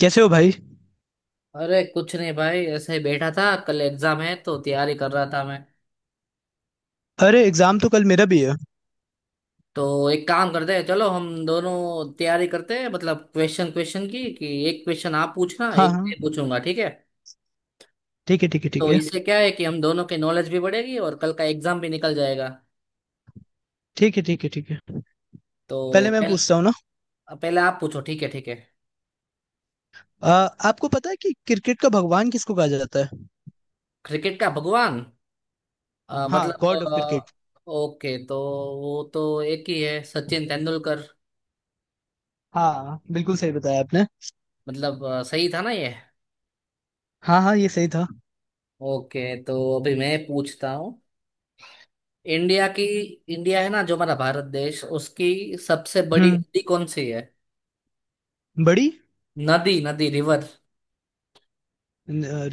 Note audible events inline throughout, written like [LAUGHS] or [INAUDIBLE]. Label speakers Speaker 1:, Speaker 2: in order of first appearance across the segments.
Speaker 1: कैसे हो भाई?
Speaker 2: अरे कुछ नहीं भाई, ऐसे ही बैठा था। कल एग्जाम है तो तैयारी कर रहा था मैं।
Speaker 1: अरे एग्जाम तो कल मेरा भी है।
Speaker 2: तो एक काम करते हैं, चलो हम दोनों तैयारी करते हैं, मतलब क्वेश्चन क्वेश्चन की कि एक क्वेश्चन आप पूछना,
Speaker 1: हाँ
Speaker 2: एक
Speaker 1: हाँ।
Speaker 2: मैं पूछूंगा, ठीक है।
Speaker 1: ठीक है ठीक है ठीक
Speaker 2: तो
Speaker 1: है।
Speaker 2: इससे क्या है कि हम दोनों की नॉलेज भी बढ़ेगी और कल का एग्जाम भी निकल जाएगा।
Speaker 1: ठीक है ठीक है ठीक है।
Speaker 2: तो
Speaker 1: पहले मैं
Speaker 2: पहले
Speaker 1: पूछता हूँ ना।
Speaker 2: पहले आप पूछो। ठीक है, ठीक है।
Speaker 1: आ, आपको पता है कि क्रिकेट का भगवान किसको कहा जाता है?
Speaker 2: क्रिकेट का भगवान?
Speaker 1: हाँ,
Speaker 2: मतलब
Speaker 1: गॉड ऑफ क्रिकेट।
Speaker 2: ओके तो वो तो एक ही है, सचिन तेंदुलकर।
Speaker 1: हाँ बिल्कुल सही बताया आपने।
Speaker 2: मतलब सही था ना ये?
Speaker 1: हाँ हाँ ये सही था।
Speaker 2: ओके, तो अभी मैं पूछता हूँ। इंडिया की, इंडिया है ना जो हमारा भारत देश, उसकी सबसे बड़ी
Speaker 1: हम्म।
Speaker 2: नदी कौन सी है?
Speaker 1: बड़ी।
Speaker 2: नदी, नदी, रिवर।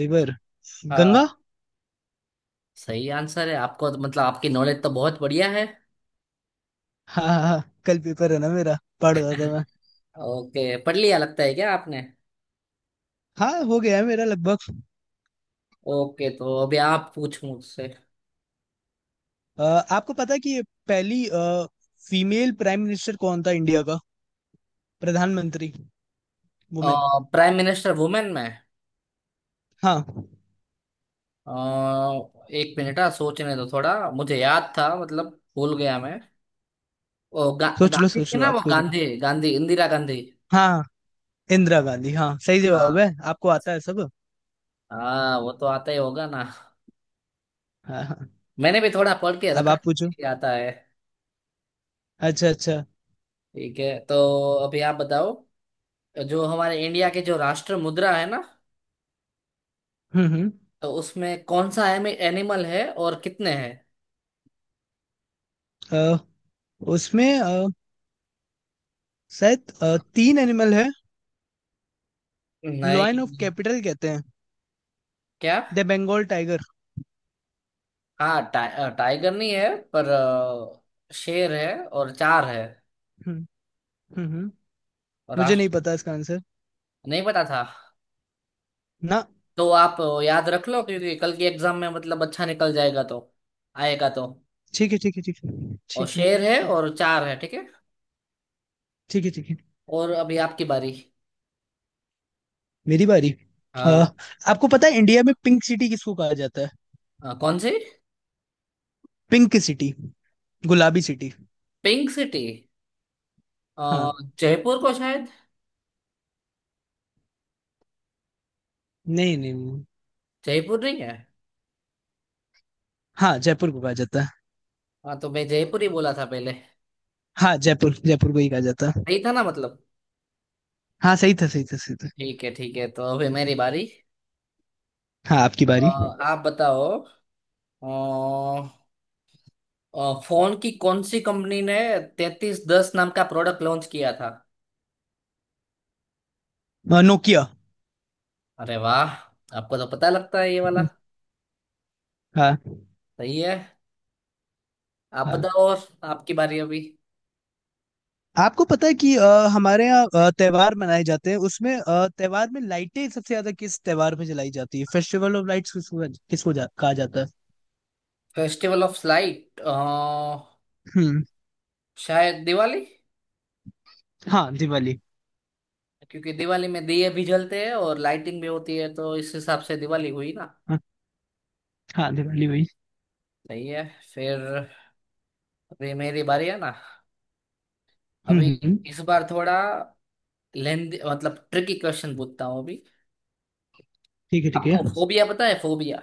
Speaker 1: रिवर। गंगा।
Speaker 2: हाँ, सही आंसर है आपको। मतलब आपकी नॉलेज तो बहुत बढ़िया है।
Speaker 1: हाँ हाँ हाँ, कल पेपर है ना मेरा। पढ़ रहा था मैं।
Speaker 2: ओके, पढ़ लिया लगता है क्या आपने?
Speaker 1: हाँ हो गया है मेरा लगभग।
Speaker 2: ओके, तो अभी आप पूछ मुझसे।
Speaker 1: आ, आपको पता है कि ये पहली फीमेल प्राइम मिनिस्टर कौन था इंडिया का? प्रधानमंत्री। वुमेन।
Speaker 2: प्राइम मिनिस्टर वुमेन में?
Speaker 1: हाँ।
Speaker 2: अ, एक मिनट, हाँ, सोचने दो थोड़ा। मुझे याद था मतलब, भूल गया मैं। वो गांधी
Speaker 1: सोच
Speaker 2: थी
Speaker 1: लो
Speaker 2: ना, वो
Speaker 1: आपको।
Speaker 2: गांधी गांधी इंदिरा गांधी।
Speaker 1: हाँ, इंदिरा गांधी। हाँ सही
Speaker 2: हाँ
Speaker 1: जवाब है। आपको आता है सब।
Speaker 2: हाँ, वो तो आता ही होगा ना।
Speaker 1: हाँ हाँ।
Speaker 2: मैंने भी थोड़ा पढ़ के
Speaker 1: अब
Speaker 2: रखा
Speaker 1: आप पूछो।
Speaker 2: है, आता है।
Speaker 1: अच्छा अच्छा।
Speaker 2: ठीक है, तो अभी आप बताओ, जो हमारे इंडिया के जो राष्ट्र मुद्रा है ना,
Speaker 1: हम्म हम्म
Speaker 2: तो उसमें कौन सा एनिमल है और कितने हैं?
Speaker 1: अ, उसमें शायद तीन एनिमल है। लॉयन ऑफ
Speaker 2: नहीं।
Speaker 1: कैपिटल कहते हैं।
Speaker 2: क्या?
Speaker 1: The Bengal tiger.
Speaker 2: हाँ, टाइगर नहीं है, पर शेर है और चार है।
Speaker 1: हम्म हम्म हम्म।
Speaker 2: और
Speaker 1: मुझे नहीं
Speaker 2: राष्ट्र।
Speaker 1: पता इसका आंसर।
Speaker 2: नहीं पता था
Speaker 1: ना।
Speaker 2: तो आप याद रख लो, क्योंकि कल की एग्जाम में मतलब अच्छा निकल जाएगा तो। आएगा तो।
Speaker 1: ठीक है ठीक है ठीक है।
Speaker 2: और
Speaker 1: ठीक है
Speaker 2: शेर है और चार है, ठीक है।
Speaker 1: ठीक है ठीक है।
Speaker 2: और अभी आपकी बारी।
Speaker 1: मेरी बारी। अ,
Speaker 2: हाँ,
Speaker 1: आपको पता है इंडिया में पिंक सिटी किसको कहा जाता है?
Speaker 2: कौन सी?
Speaker 1: Pink city. गुलाबी सिटी।
Speaker 2: Pink city? अ,
Speaker 1: हाँ।
Speaker 2: जयपुर को, शायद।
Speaker 1: नहीं नहीं नहीं।
Speaker 2: जयपुर नहीं है?
Speaker 1: हाँ जयपुर को कहा जाता है।
Speaker 2: हाँ, तो मैं जयपुर ही बोला था पहले।
Speaker 1: हाँ जयपुर जयपुर को ही कहा जाता है।
Speaker 2: सही था ना, मतलब।
Speaker 1: हाँ सही था सही था सही था।
Speaker 2: ठीक है, ठीक है, तो अभी मेरी बारी।
Speaker 1: हाँ आपकी
Speaker 2: अ,
Speaker 1: बारी।
Speaker 2: आप बताओ। अ, फोन की कौन सी कंपनी ने 3310 नाम का प्रोडक्ट लॉन्च किया था?
Speaker 1: नोकिया।
Speaker 2: अरे वाह, आपको तो पता लगता है ये वाला।
Speaker 1: हाँ
Speaker 2: सही है। आप
Speaker 1: हाँ।
Speaker 2: बताओ और, आपकी बारी अभी।
Speaker 1: आपको पता है कि हमारे यहाँ त्योहार मनाए जाते हैं, उसमें त्योहार में लाइटें सबसे ज्यादा किस त्योहार में जलाई जाती है? फेस्टिवल ऑफ लाइट्स किसको किसको कहा जाता है?
Speaker 2: Festival of light?
Speaker 1: हम्म।
Speaker 2: शायद दिवाली।
Speaker 1: हाँ दिवाली।
Speaker 2: क्योंकि दिवाली में दिए भी जलते हैं और लाइटिंग भी होती है, तो इस हिसाब से दिवाली हुई।
Speaker 1: हाँ हाँ, दिवाली वही।
Speaker 2: सही है। फिर, अभी मेरी बारी है ना,
Speaker 1: हम्म
Speaker 2: अभी।
Speaker 1: हम्म,
Speaker 2: इस बार थोड़ा लेंदी मतलब ट्रिकी क्वेश्चन पूछता हूँ अभी।
Speaker 1: ठीक है ठीक है।
Speaker 2: आपको फोबिया पता है? फोबिया?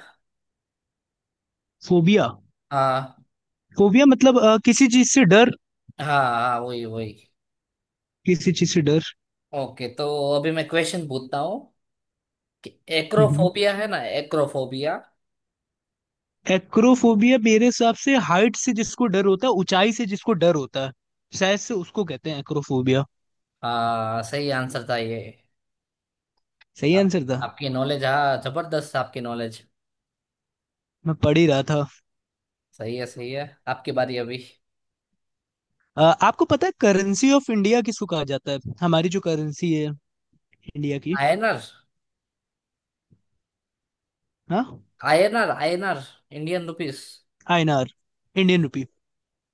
Speaker 1: फोबिया।
Speaker 2: हाँ,
Speaker 1: फोबिया मतलब किसी चीज से डर।
Speaker 2: हाँ हाँ, वही वही।
Speaker 1: किसी चीज से डर।
Speaker 2: ओके, तो अभी मैं क्वेश्चन पूछता हूँ कि
Speaker 1: हम्म।
Speaker 2: एक्रोफोबिया है ना, एक्रोफोबिया।
Speaker 1: एक्रोफोबिया मेरे हिसाब से हाइट से जिसको डर होता है, ऊंचाई से जिसको डर होता है, शायद से उसको कहते हैं एक्रोफोबिया।
Speaker 2: हाँ, सही आंसर था ये।
Speaker 1: सही
Speaker 2: आप,
Speaker 1: आंसर था।
Speaker 2: आपकी नॉलेज, हाँ, जबरदस्त आपकी नॉलेज।
Speaker 1: मैं पढ़ ही रहा था।
Speaker 2: सही है, सही है, आपकी बारी अभी।
Speaker 1: आपको पता है करेंसी ऑफ इंडिया किसको कहा जाता है, हमारी जो करेंसी है, इंडिया की?
Speaker 2: आयनर
Speaker 1: हाँ।
Speaker 2: INR INR Indian rupees.
Speaker 1: INR. Indian rupee.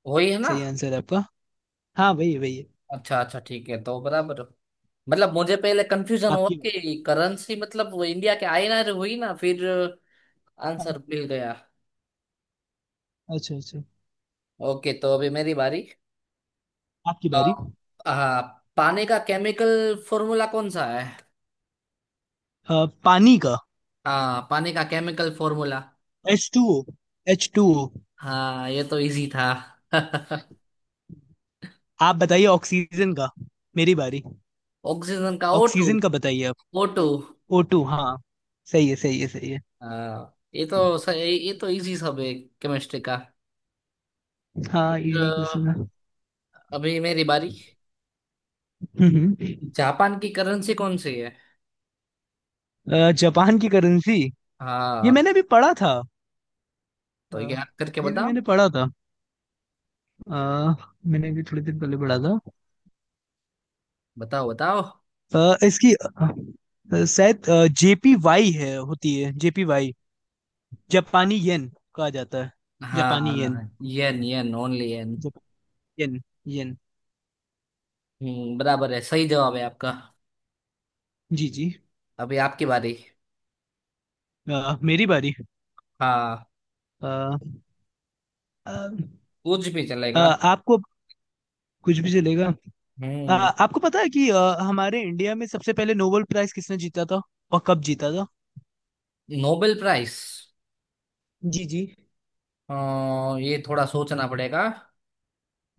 Speaker 2: वही है ना।
Speaker 1: सही आंसर है आपका। हाँ वही है वही है।
Speaker 2: अच्छा अच्छा, ठीक है तो, बराबर। मतलब मुझे पहले कंफ्यूजन हुआ
Speaker 1: आपकी बारी।
Speaker 2: कि करेंसी मतलब वो इंडिया के आईएनआर हुई ना। फिर
Speaker 1: हाँ।
Speaker 2: आंसर मिल गया।
Speaker 1: अच्छा अच्छा।
Speaker 2: ओके, तो अभी मेरी बारी।
Speaker 1: आपकी
Speaker 2: अ,
Speaker 1: बारी।
Speaker 2: हाँ, पानी का केमिकल फॉर्मूला कौन सा है?
Speaker 1: पानी का।
Speaker 2: हाँ, पानी का केमिकल फॉर्मूला।
Speaker 1: H2O। H2O।
Speaker 2: हाँ, ये तो इजी था। [LAUGHS]
Speaker 1: आप बताइए ऑक्सीजन का। मेरी बारी।
Speaker 2: ऑक्सीजन का ओ टू।
Speaker 1: ऑक्सीजन का बताइए आप।
Speaker 2: O to,
Speaker 1: O2। हाँ सही है सही है सही है।
Speaker 2: हाँ, ये तो ये तो इजी सब है, केमिस्ट्री का।
Speaker 1: हाँ
Speaker 2: फिर
Speaker 1: इजी क्वेश्चन है।
Speaker 2: अभी मेरी बारी।
Speaker 1: हम्म हम्म।
Speaker 2: जापान की करेंसी कौन सी है?
Speaker 1: जापान की करेंसी। ये
Speaker 2: हाँ,
Speaker 1: मैंने भी पढ़ा था।
Speaker 2: तो
Speaker 1: अ,
Speaker 2: याद करके
Speaker 1: ये भी
Speaker 2: बताओ।
Speaker 1: मैंने पढ़ा था। अ, मैंने भी थोड़ी देर पहले पढ़ा था।
Speaker 2: बताओ बताओ।
Speaker 1: अ, इसकी अ, शायद JPY है, होती है JPY, जापानी येन कहा जाता है। जापानी येन।
Speaker 2: हाँ, यन यन ओनली यन।
Speaker 1: जाप, येन। येन।
Speaker 2: हम्म, बराबर है, सही जवाब है आपका।
Speaker 1: जी जी।
Speaker 2: अभी आपकी बारी।
Speaker 1: मेरी बारी।
Speaker 2: हाँ।
Speaker 1: अ, अ,
Speaker 2: कुछ भी
Speaker 1: अ,
Speaker 2: चलेगा।
Speaker 1: आपको। कुछ भी चलेगा।
Speaker 2: हम्म।
Speaker 1: आपको पता है कि हमारे इंडिया में सबसे पहले नोबेल प्राइज किसने जीता था और कब जीता था?
Speaker 2: Nobel prize?
Speaker 1: जी जी।
Speaker 2: ये थोड़ा सोचना पड़ेगा।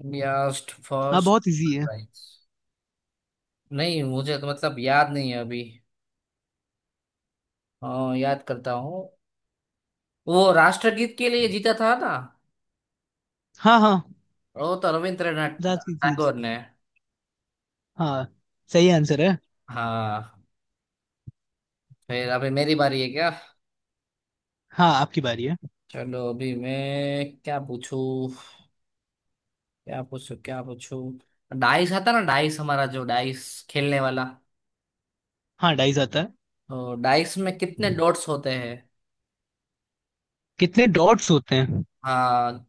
Speaker 2: फर्स्ट,
Speaker 1: हाँ
Speaker 2: फर्स्ट
Speaker 1: बहुत इजी है।
Speaker 2: प्राइज। नहीं, मुझे तो मतलब याद नहीं है अभी। याद करता हूँ। वो राष्ट्रगीत के लिए जीता था ना,
Speaker 1: हाँ हाँ।
Speaker 2: वो तो रविंद्रनाथ
Speaker 1: रात की क्लीज।
Speaker 2: टैगोर ने।
Speaker 1: हाँ सही आंसर है।
Speaker 2: हाँ। फिर अभी मेरी बारी है क्या?
Speaker 1: हाँ आपकी बारी है।
Speaker 2: चलो, अभी मैं क्या पूछूं, क्या पूछो क्या पूछो। डाइस आता ना, डाइस, हमारा जो डाइस खेलने वाला।
Speaker 1: हाँ डाइस आता है।
Speaker 2: तो डाइस में कितने डॉट्स होते हैं?
Speaker 1: कितने डॉट्स होते हैं?
Speaker 2: हाँ,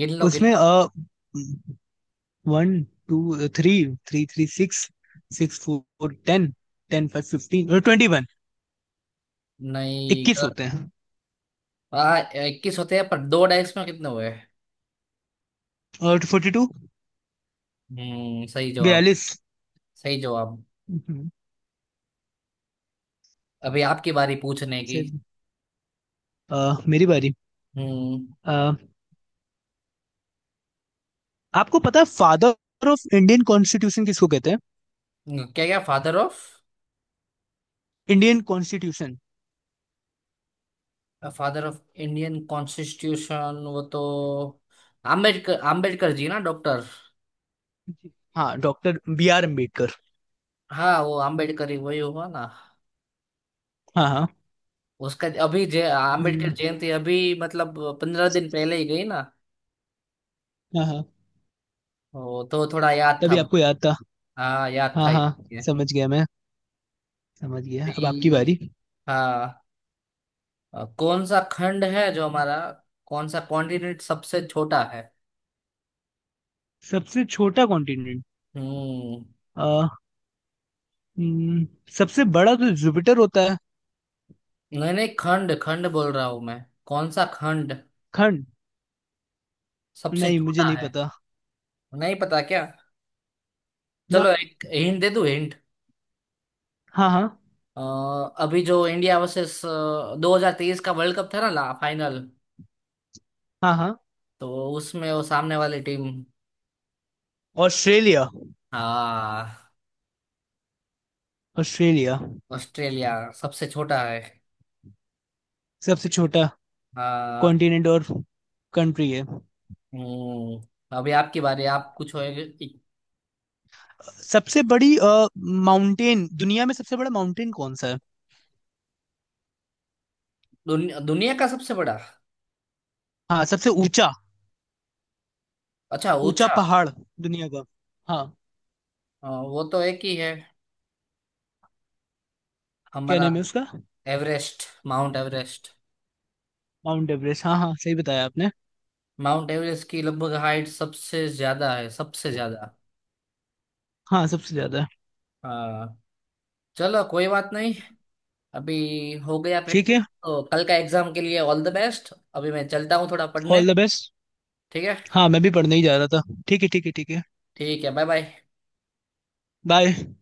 Speaker 2: गिन लो गिन
Speaker 1: उसमें
Speaker 2: लो।
Speaker 1: अ, 1, 2, 3, three three six, four ten, five fifteen twenty one.
Speaker 2: नहीं
Speaker 1: 21
Speaker 2: गलत।
Speaker 1: होते हैं।
Speaker 2: हाँ, इक्कीस होते हैं, पर दो डाइस में कितने हुए?
Speaker 1: और 42।
Speaker 2: हम्म, सही जवाब,
Speaker 1: 42।
Speaker 2: सही जवाब।
Speaker 1: हम्म,
Speaker 2: अभी आपकी बारी पूछने की।
Speaker 1: से- आ, मेरी बारी।
Speaker 2: हम्म।
Speaker 1: आपको पता है फादर ऑफ इंडियन कॉन्स्टिट्यूशन किसको कहते हैं?
Speaker 2: क्या क्या father of?
Speaker 1: Indian constitution.
Speaker 2: Father of Indian constitution वो तो आम्बेडकर आम्बेडकर जी ना, डॉक्टर।
Speaker 1: हाँ डॉक्टर B.R. अम्बेडकर।
Speaker 2: हाँ, वो आम्बेडकर ही, वही हुआ ना।
Speaker 1: हाँ हाँ
Speaker 2: उसका अभी जय
Speaker 1: वही।
Speaker 2: अम्बेडकर जयंती अभी मतलब 15 दिन पहले ही गई ना।
Speaker 1: हाँ हाँ।
Speaker 2: वो तो थोड़ा याद था
Speaker 1: तभी आपको
Speaker 2: मुझे।
Speaker 1: याद था।
Speaker 2: हाँ, याद
Speaker 1: हाँ
Speaker 2: था
Speaker 1: हाँ।
Speaker 2: इसलिए।
Speaker 1: समझ गया मैं। समझ गया। अब आपकी
Speaker 2: भी,
Speaker 1: बारी।
Speaker 2: हाँ, कौन सा खंड है जो हमारा, कौन सा कॉन्टिनेंट सबसे छोटा है?
Speaker 1: सबसे छोटा कॉन्टिनेंट।
Speaker 2: हम्म।
Speaker 1: आ, हम्म, सबसे बड़ा तो जुपिटर होता है।
Speaker 2: नहीं नहीं, खंड खंड बोल रहा हूँ मैं। कौन सा खंड
Speaker 1: खंड।
Speaker 2: सबसे
Speaker 1: नहीं मुझे
Speaker 2: छोटा
Speaker 1: नहीं
Speaker 2: है?
Speaker 1: पता।
Speaker 2: नहीं पता क्या? चलो,
Speaker 1: ना।
Speaker 2: एक हिंट दे दूँ, हिंट।
Speaker 1: हाँ हाँ।
Speaker 2: अभी जो इंडिया वर्सेस 2023 का वर्ल्ड कप था ना ला फाइनल,
Speaker 1: हाँ हाँ।
Speaker 2: तो उसमें वो सामने वाली टीम।
Speaker 1: ऑस्ट्रेलिया।
Speaker 2: हाँ,
Speaker 1: ऑस्ट्रेलिया।
Speaker 2: ऑस्ट्रेलिया। सबसे छोटा है।
Speaker 1: सबसे छोटा
Speaker 2: हाँ।
Speaker 1: कॉन्टिनेंट और कंट्री है।
Speaker 2: हम्म, अभी आपकी बारी। आप कुछ होएगे।
Speaker 1: सबसे बड़ी माउंटेन, दुनिया में सबसे बड़ा माउंटेन कौन सा है?
Speaker 2: दुनिया का सबसे बड़ा?
Speaker 1: हाँ सबसे ऊंचा।
Speaker 2: अच्छा,
Speaker 1: ऊंचा
Speaker 2: ऊंचा।
Speaker 1: पहाड़ दुनिया का। हाँ।
Speaker 2: वो तो एक ही है,
Speaker 1: क्या
Speaker 2: हमारा।
Speaker 1: नेम है उसका?
Speaker 2: Everest. Mount Everest.
Speaker 1: Mount Everest. हाँ हाँ सही बताया आपने।
Speaker 2: माउंट एवरेस्ट की लगभग हाइट सबसे ज्यादा है, सबसे ज्यादा।
Speaker 1: हाँ सबसे ज्यादा है।
Speaker 2: हाँ। चलो, कोई बात नहीं, अभी हो गया
Speaker 1: ठीक
Speaker 2: प्रैक्टिस।
Speaker 1: है।
Speaker 2: तो कल का एग्जाम के लिए ऑल द बेस्ट, अभी मैं चलता हूँ थोड़ा पढ़ने।
Speaker 1: All the best.
Speaker 2: ठीक है।
Speaker 1: हाँ मैं भी पढ़ने ही जा रहा था। ठीक है ठीक है ठीक है।
Speaker 2: ठीक है, बाय बाय।
Speaker 1: बाय।